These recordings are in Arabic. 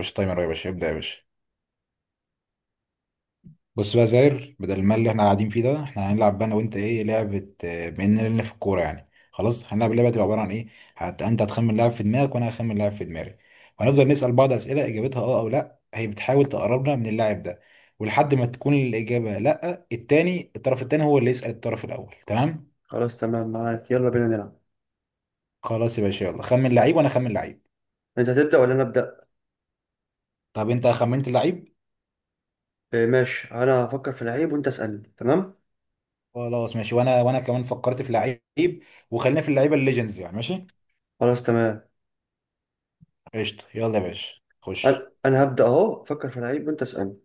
مش تايمر يا باشا، ابدأ يا باشا. بص بقى يا زاير، بدل المال اللي احنا قاعدين فيه ده احنا هنلعب بقى انا وانت ايه لعبة، بما اننا لنا في الكورة يعني. خلاص هنلعب اللعبة، تبقى عبارة عن ايه؟ انت هتخمن لاعب في دماغك وانا هخمن لاعب في دماغي. وهنفضل نسأل بعض أسئلة اجابتها اه او لا، هي بتحاول تقربنا من اللاعب ده. ولحد ما تكون الإجابة لا، التاني الطرف التاني هو اللي يسأل الطرف الأول، تمام؟ خلاص، تمام معاك. يلا بينا نلعب. خلاص يا باشا، يلا خمن لعيب وانا خمن لعيب. انت هتبدأ ولا انا ابدأ؟ طب انت خمنت لعيب؟ آه، ماشي. انا هفكر في لعيب وانت اسألني. تمام، خلاص ماشي، وانا كمان فكرت في لعيب. وخلينا في اللعيبة الليجندز يعني. ماشي. خلاص تمام. قشطة، يلا يا باشا خش. انا هبدأ اهو. افكر في لعيب وانت اسألني.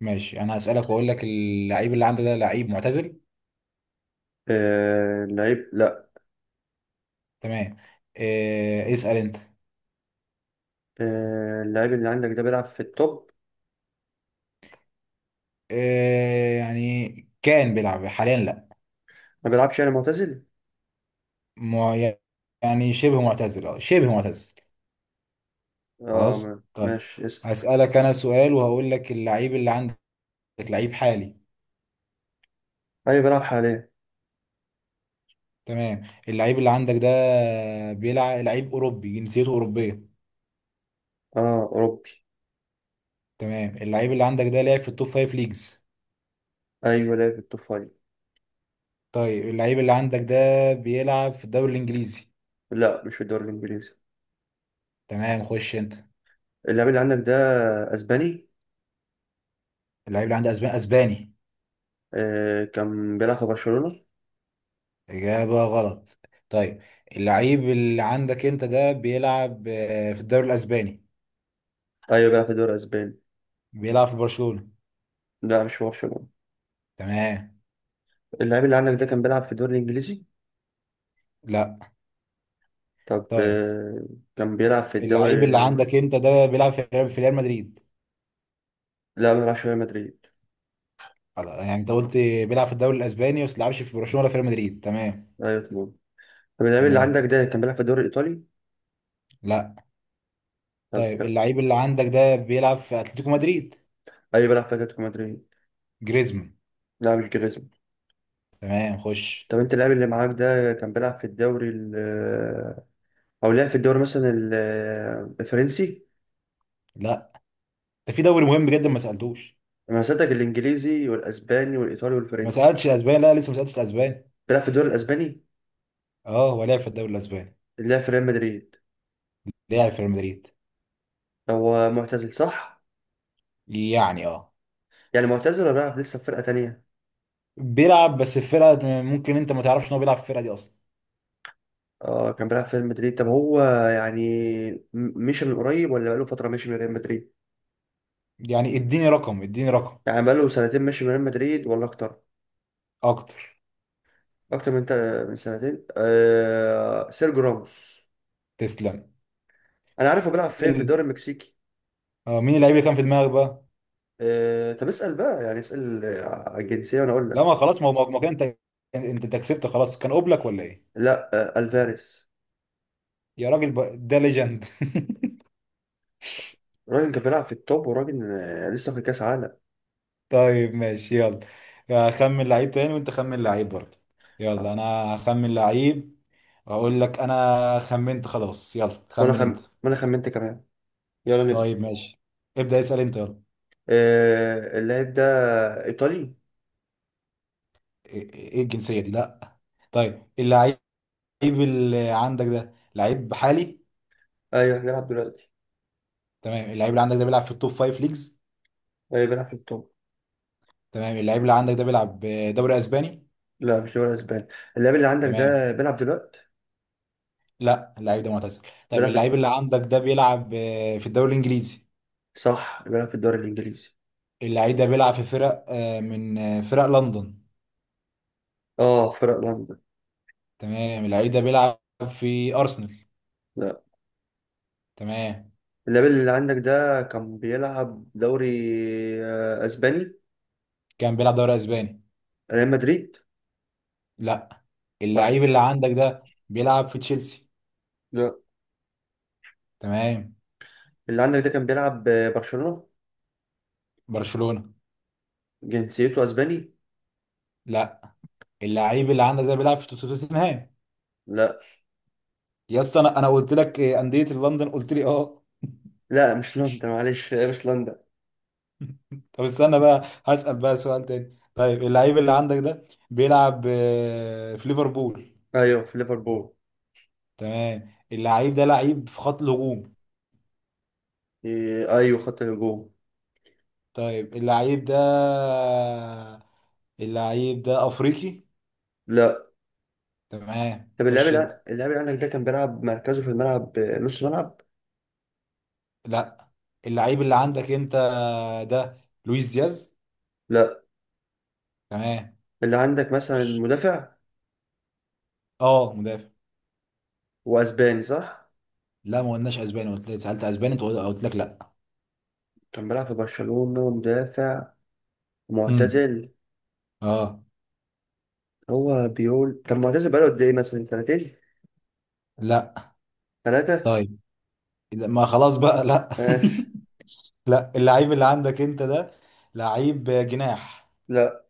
ماشي، انا هسألك واقول لك اللعيب اللي عندك ده لعيب معتزل؟ اللعيب لا. تمام. إيه، اسأل انت. اللعيب اللي عندك ده بيلعب في التوب؟ إيه يعني؟ كان بيلعب حاليا، لا؟ ما بيلعبش، يعني معتزل. مع- يعني شبه معتزل، اه شبه معتزل. اه، خلاص طيب. ماشي اسأل. هسألك انا سؤال وهقول لك اللعيب اللي عندك لعيب حالي؟ ايوه بيلعب حاليا. تمام. اللعيب اللي عندك ده بيلعب لعيب اوروبي، جنسيته اوروبية؟ اه اوروبي. تمام. اللعيب اللي عندك ده لعب في التوب فايف ليجز؟ ايوه لعب في التوب فايف. طيب، اللعيب اللي عندك ده بيلعب في الدوري الانجليزي؟ لا مش في الدوري الانجليزي. تمام، خش انت. اللعيب اللي عندك ده اسباني. اللعيب اللي عندي اسباني، اسباني. كان بيلعب في برشلونة؟ اجابه غلط. طيب، اللعيب اللي عندك انت ده بيلعب في الدوري الاسباني؟ ايوه بيلعب في الدوري الاسباني. بيلعب في برشلونه؟ لا مش في برشلونة. تمام. اللاعب اللي عندك ده كان بيلعب في الدوري الإنجليزي؟ لا. طب طيب، كان بيلعب في الدوري. اللعيب اللي عندك انت ده بيلعب في ريال مدريد؟ لا ما بيلعبش في ريال مدريد. خلاص، يعني انت قلت بيلعب في الدوري الاسباني بس بيلعبش في برشلونه ولا في ريال مدريد، تمام. أيوة تمام. طب اللاعب اللي عندك تمام. ده كان بيلعب في الدوري الإيطالي؟ لا. طب طيب، لا. اللعيب اللي عندك ده بيلعب في اتلتيكو مدريد؟ أيوة بيلعب في أتلتيكو مدريد. جريزمان؟ لا مش جريزمان. تمام، خش. طب أنت، اللاعب اللي معاك ده كان بيلعب في الدوري ال آه، أو لعب في الدوري مثلا الفرنسي؟ لا، ده في دوري مهم جدا ما سالتوش. أنا سألتك الإنجليزي والأسباني والإيطالي ما والفرنسي. سالتش الاسباني، لا لسه ما سالتش الاسباني. بيلعب في الدوري الأسباني. اه، هو لعب في الدوري الاسباني. اللي لعب في ريال مدريد. لعب في ريال مدريد. هو معتزل صح؟ يعني اه. يعني معتزل ولا بيلعب لسه في فرقة تانية؟ بيلعب بس في فرقه ممكن انت ما تعرفش ان هو بيلعب في الفرقه دي اصلا. اه كان بيلعب في ريال مدريد. طب هو يعني م- مشي من قريب ولا بقاله فترة ماشي من ريال مدريد؟ يعني اديني رقم، اديني رقم. يعني بقاله سنتين ماشي من ريال مدريد ولا أكتر؟ اكتر. أكتر من سنتين؟ آه سيرجيو راموس. تسلم. أنا عارف، هو بيلعب فين مين في ال- الدوري المكسيكي. اه، مين اللعيب اللي كان في دماغك بقى؟ آه طب اسأل بقى، يعني اسأل على الجنسية وأنا أقول لا لك. ما خلاص، ما هو ما كان انت. أنت كسبت خلاص، كان قبلك ولا ايه؟ لا. آه الفاريز. يا راجل بقى، ده ليجند. الراجل كان بيلعب في التوب، وراجل لسه في كأس عالم. طيب ماشي، يلا. اخمن لعيب تاني وانت خمن لعيب برضه. يلا، خ- انا هخمن لعيب واقول لك. انا خمنت خلاص، يلا خمن انت. وأنا خمنت كمان. يلا نبدأ. طيب ماشي. ابدأ اسأل انت، يلا. آه اللاعب ده إيطالي؟ ايه، إيه الجنسية دي، لا. طيب، اللعيب اللي عندك ده لعيب حالي؟ أيوه بيلعب دلوقتي. تمام. اللعيب اللي عندك ده بيلعب في التوب فايف ليجز؟ أيوه بيلعب في التوب. تمام. اللعيب اللي عندك ده بيلعب دوري اسباني؟ لا مش دوري اسباني. اللاعب اللي عندك تمام. ده بيلعب دلوقتي. لا، اللعيب ده معتزل. طيب، بيلعب في اللعيب اللي عندك ده بيلعب في الدوري الانجليزي؟ صح، بيلعب في الدوري الانجليزي. اللعيب ده بيلعب في فرق من فرق لندن؟ اه فرق لندن. تمام. اللعيب ده بيلعب في ارسنال؟ لا. تمام. اللاعب اللي عندك ده كان بيلعب دوري اسباني. كان بيلعب دوري اسباني؟ ريال مدريد. لا. برشلونة. اللعيب اللي عندك ده بيلعب في تشيلسي؟ لا. تمام. اللي عندك ده كان بيلعب برشلونة؟ برشلونة؟ جنسيته اسباني. لا. اللعيب اللي عندك ده بيلعب في توتنهام؟ لا. يا اسطى، انا قلت لك إيه، انديه لندن، قلت لي اه. لا مش لندن، معلش مش لندن. طب استنى بقى، هسأل بقى سؤال تاني. طيب، اللعيب اللي عندك ده بيلعب في ليفربول؟ ايوه في ليفربول. تمام. اللعيب ده لعيب في خط الهجوم؟ إيه، ايوه خط الهجوم. طيب، اللعيب ده، اللعيب ده افريقي؟ لا. تمام، طب خش انت. اللاعب اللي عندك ده كان بيلعب مركزه في الملعب نص ملعب. لا، اللعيب اللي عندك انت ده لويس دياز؟ لا. تمام، اللي عندك مثلا خش. مدافع. اه، مدافع. واسباني صح؟ لا ما قلناش اسباني، قلت لك سالت اسباني، انت قلت لك لا. كان بيلعب في برشلونة ومدافع، امم معتزل. اه. هو بيقول طب معتزل بقاله قد ايه، مثلا سنتين، لا. ثلاثة، طيب، ما خلاص بقى، لا. ماشي. لا، اللعيب اللي عندك انت ده لعيب جناح؟ لا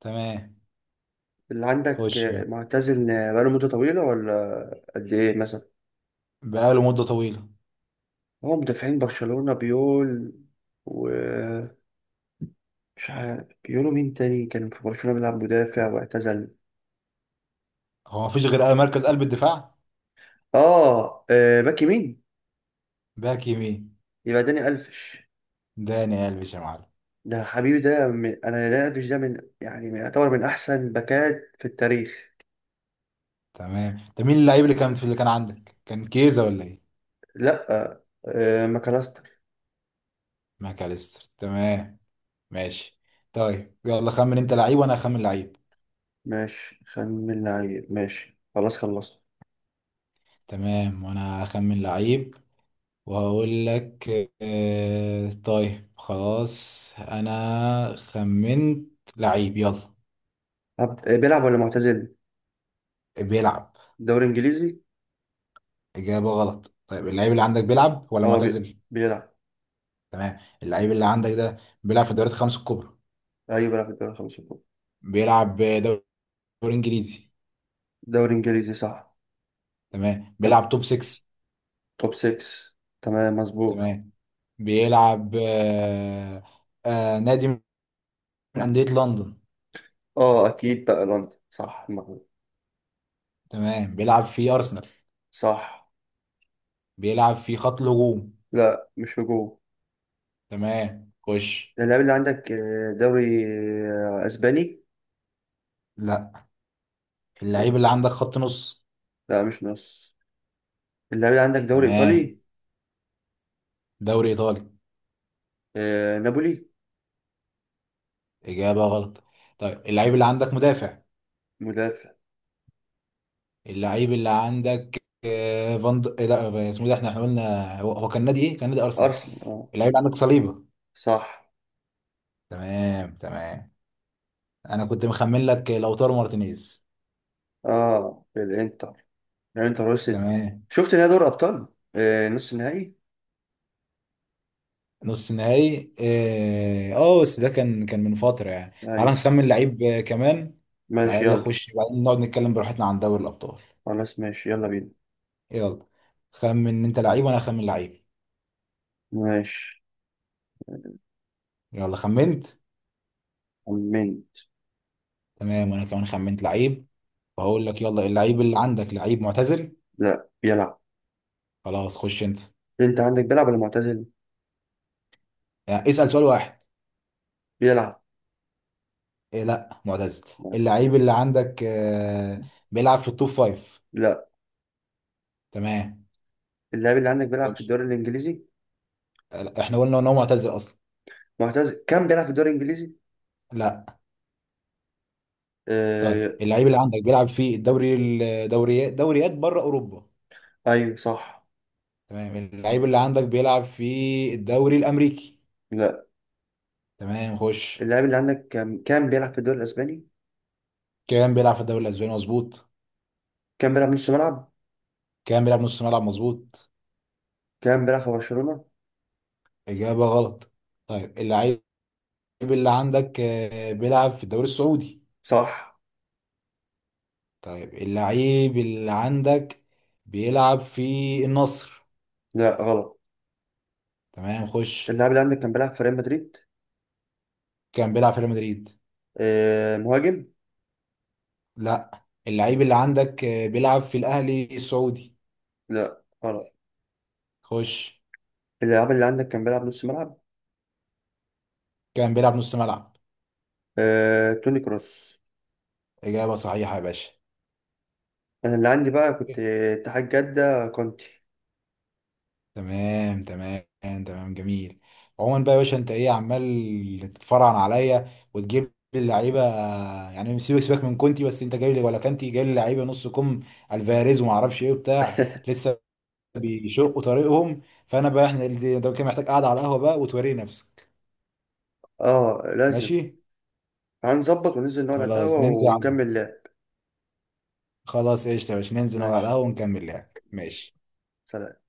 تمام، اللي عندك خش يلا. معتزل، بقاله مدة طويلة ولا قد ايه مثلا؟ بقاله مده طويله. هو مدافعين برشلونة بيقول، ومش عارف بيقولوا مين تاني كان في برشلونة بيلعب مدافع واعتزل. هو ما فيش غير مركز قلب الدفاع. اه باك يمين. باك يمين. يبقى داني ألفش. داني قلبي يا معلم. ده حبيبي، انا داني ألفش ده من يعني من يعتبر من احسن باكات في التاريخ. تمام. طب مين اللعيب اللي كان عندك، كان كيزا ولا ايه؟ لا. آه ماكاليستر. ماكاليستر. تمام، ماشي. طيب، يلا خمن انت لعيب وانا اخمن لعيب. ماشي. خمن لعيب ماشي خلاص خلصت. تمام، وانا اخمن لعيب وهقول لك. طيب خلاص، انا خمنت لعيب، يلا. بيلعب ولا معتزل؟ بيلعب. دوري انجليزي. اجابة غلط. طيب، اللعيب اللي عندك بيلعب ولا اه معتزل؟ بيلعب. تمام. اللعيب اللي عندك ده بيلعب في الدوريات الخمس الكبرى؟ ايوه بيلعب في الدوري الخمسة الكبرى. بيلعب دوري انجليزي؟ دوري انجليزي صح. تمام. طب بيلعب توب 6؟ توب 6. تمام مظبوط. تمام. بيلعب نادي من أندية لندن؟ اه اكيد بقى لندن صح، المغرب. تمام. بيلعب في ارسنال؟ صح. بيلعب في خط الهجوم؟ لا مش هجوم. تمام، خش. اللاعب اللي عندك دوري اسباني. لا، آه، اللعيب اللي عندك خط نص؟ لا مش نص. اللاعب اللي عندك دوري ايطالي. تمام، دوري ايطالي؟ نابولي. اجابه غلط. طيب، اللعيب اللي عندك مدافع؟ مدافع. اللعيب اللي عندك إيه لا اسمه ده، احنا قلنا هو كان نادي ارسنال. ارسنال اه. اللعيب اللي عندك صليبه؟ صح. تمام، تمام. انا كنت مخمن لك لوتارو مارتينيز. اه الانتر. الانتر وصلت. تمام، شفت نهائي دوري ابطال. آه نص النهائي. نص نهائي اه. بس ده كان من فتره يعني. تعال ايوه نخمن لعيب كمان. ماشي تعال يلا، يلا. خش بعدين نقعد نتكلم براحتنا عن دوري الابطال. خلاص ماشي يلا بينا. يلا خمن انت لعيب وانا اخمن لعيب. ماشي. يلا، خمنت. خمنت. تمام، وانا كمان خمنت لعيب وهقول لك. يلا، اللعيب اللي عندك لعيب معتزل؟ لا بيلعب. خلاص، خش انت. انت عندك بيلعب ولا معتزل؟ يعني اسأل سؤال واحد. بيلعب. إيه، لا معتزل. معتزل. اللعيب اللي عندك بيلعب في التوب فايف؟ لا. تمام، اللاعب اللي عندك بيلعب في خش. الدوري الانجليزي؟ لا، احنا قلنا ان هو معتزل اصلا. معتزل كان بيلعب في الدوري الانجليزي. لا. طيب، آه. اللعيب اللي عندك بيلعب في الدوري الدوريات دوريات بره اوروبا؟ ايوه صح. تمام. اللعيب اللي عندك بيلعب في الدوري الامريكي؟ لا. تمام، خش. اللاعب اللي عندك كان بيلعب في الدوري الاسباني. كان بيلعب في الدوري الاسباني، مظبوط. كان بيلعب نص ملعب. كان بيلعب نص ملعب، مظبوط. كان بيلعب في برشلونة. اجابه غلط. طيب، اللعيب اللي عندك بيلعب في الدوري السعودي؟ صح. طيب، اللعيب اللي عندك بيلعب في النصر؟ لا غلط. تمام، خش. اللاعب اللي عندك كان بيلعب في ريال مدريد. كان بيلعب في ريال مدريد. آه مهاجم. لا، اللعيب اللي عندك بيلعب في الاهلي السعودي؟ لا خلاص. خش. اللاعب اللي عندك كان بيلعب نص ملعب. كان بيلعب نص ملعب. توني كروس. اجابه صحيحه يا باشا. انا اللي عندي بقى كنت اتحاد جدة كونتي. تمام، تمام، تمام. جميل. عموما بقى يا باشا، انت ايه عمال تتفرعن عليا وتجيب لي اللعيبه؟ يعني سيبك سيبك من كونتي، بس انت جايب لي ولا كانتي جايب لي لعيبه نص كم، الفاريز وما اعرفش ايه وبتاع لسه بيشقوا طريقهم. فانا بقى، احنا ده كان محتاج قاعده على القهوه بقى وتوري نفسك. اه لازم. ماشي. هنظبط وننزل نقعد على خلاص القهوة ننزل على. ونكمل لعب. خلاص قشطه يا باشا، ننزل نقعد على ماشي. القهوه ونكمل لعب. ماشي. ماشي. سلام.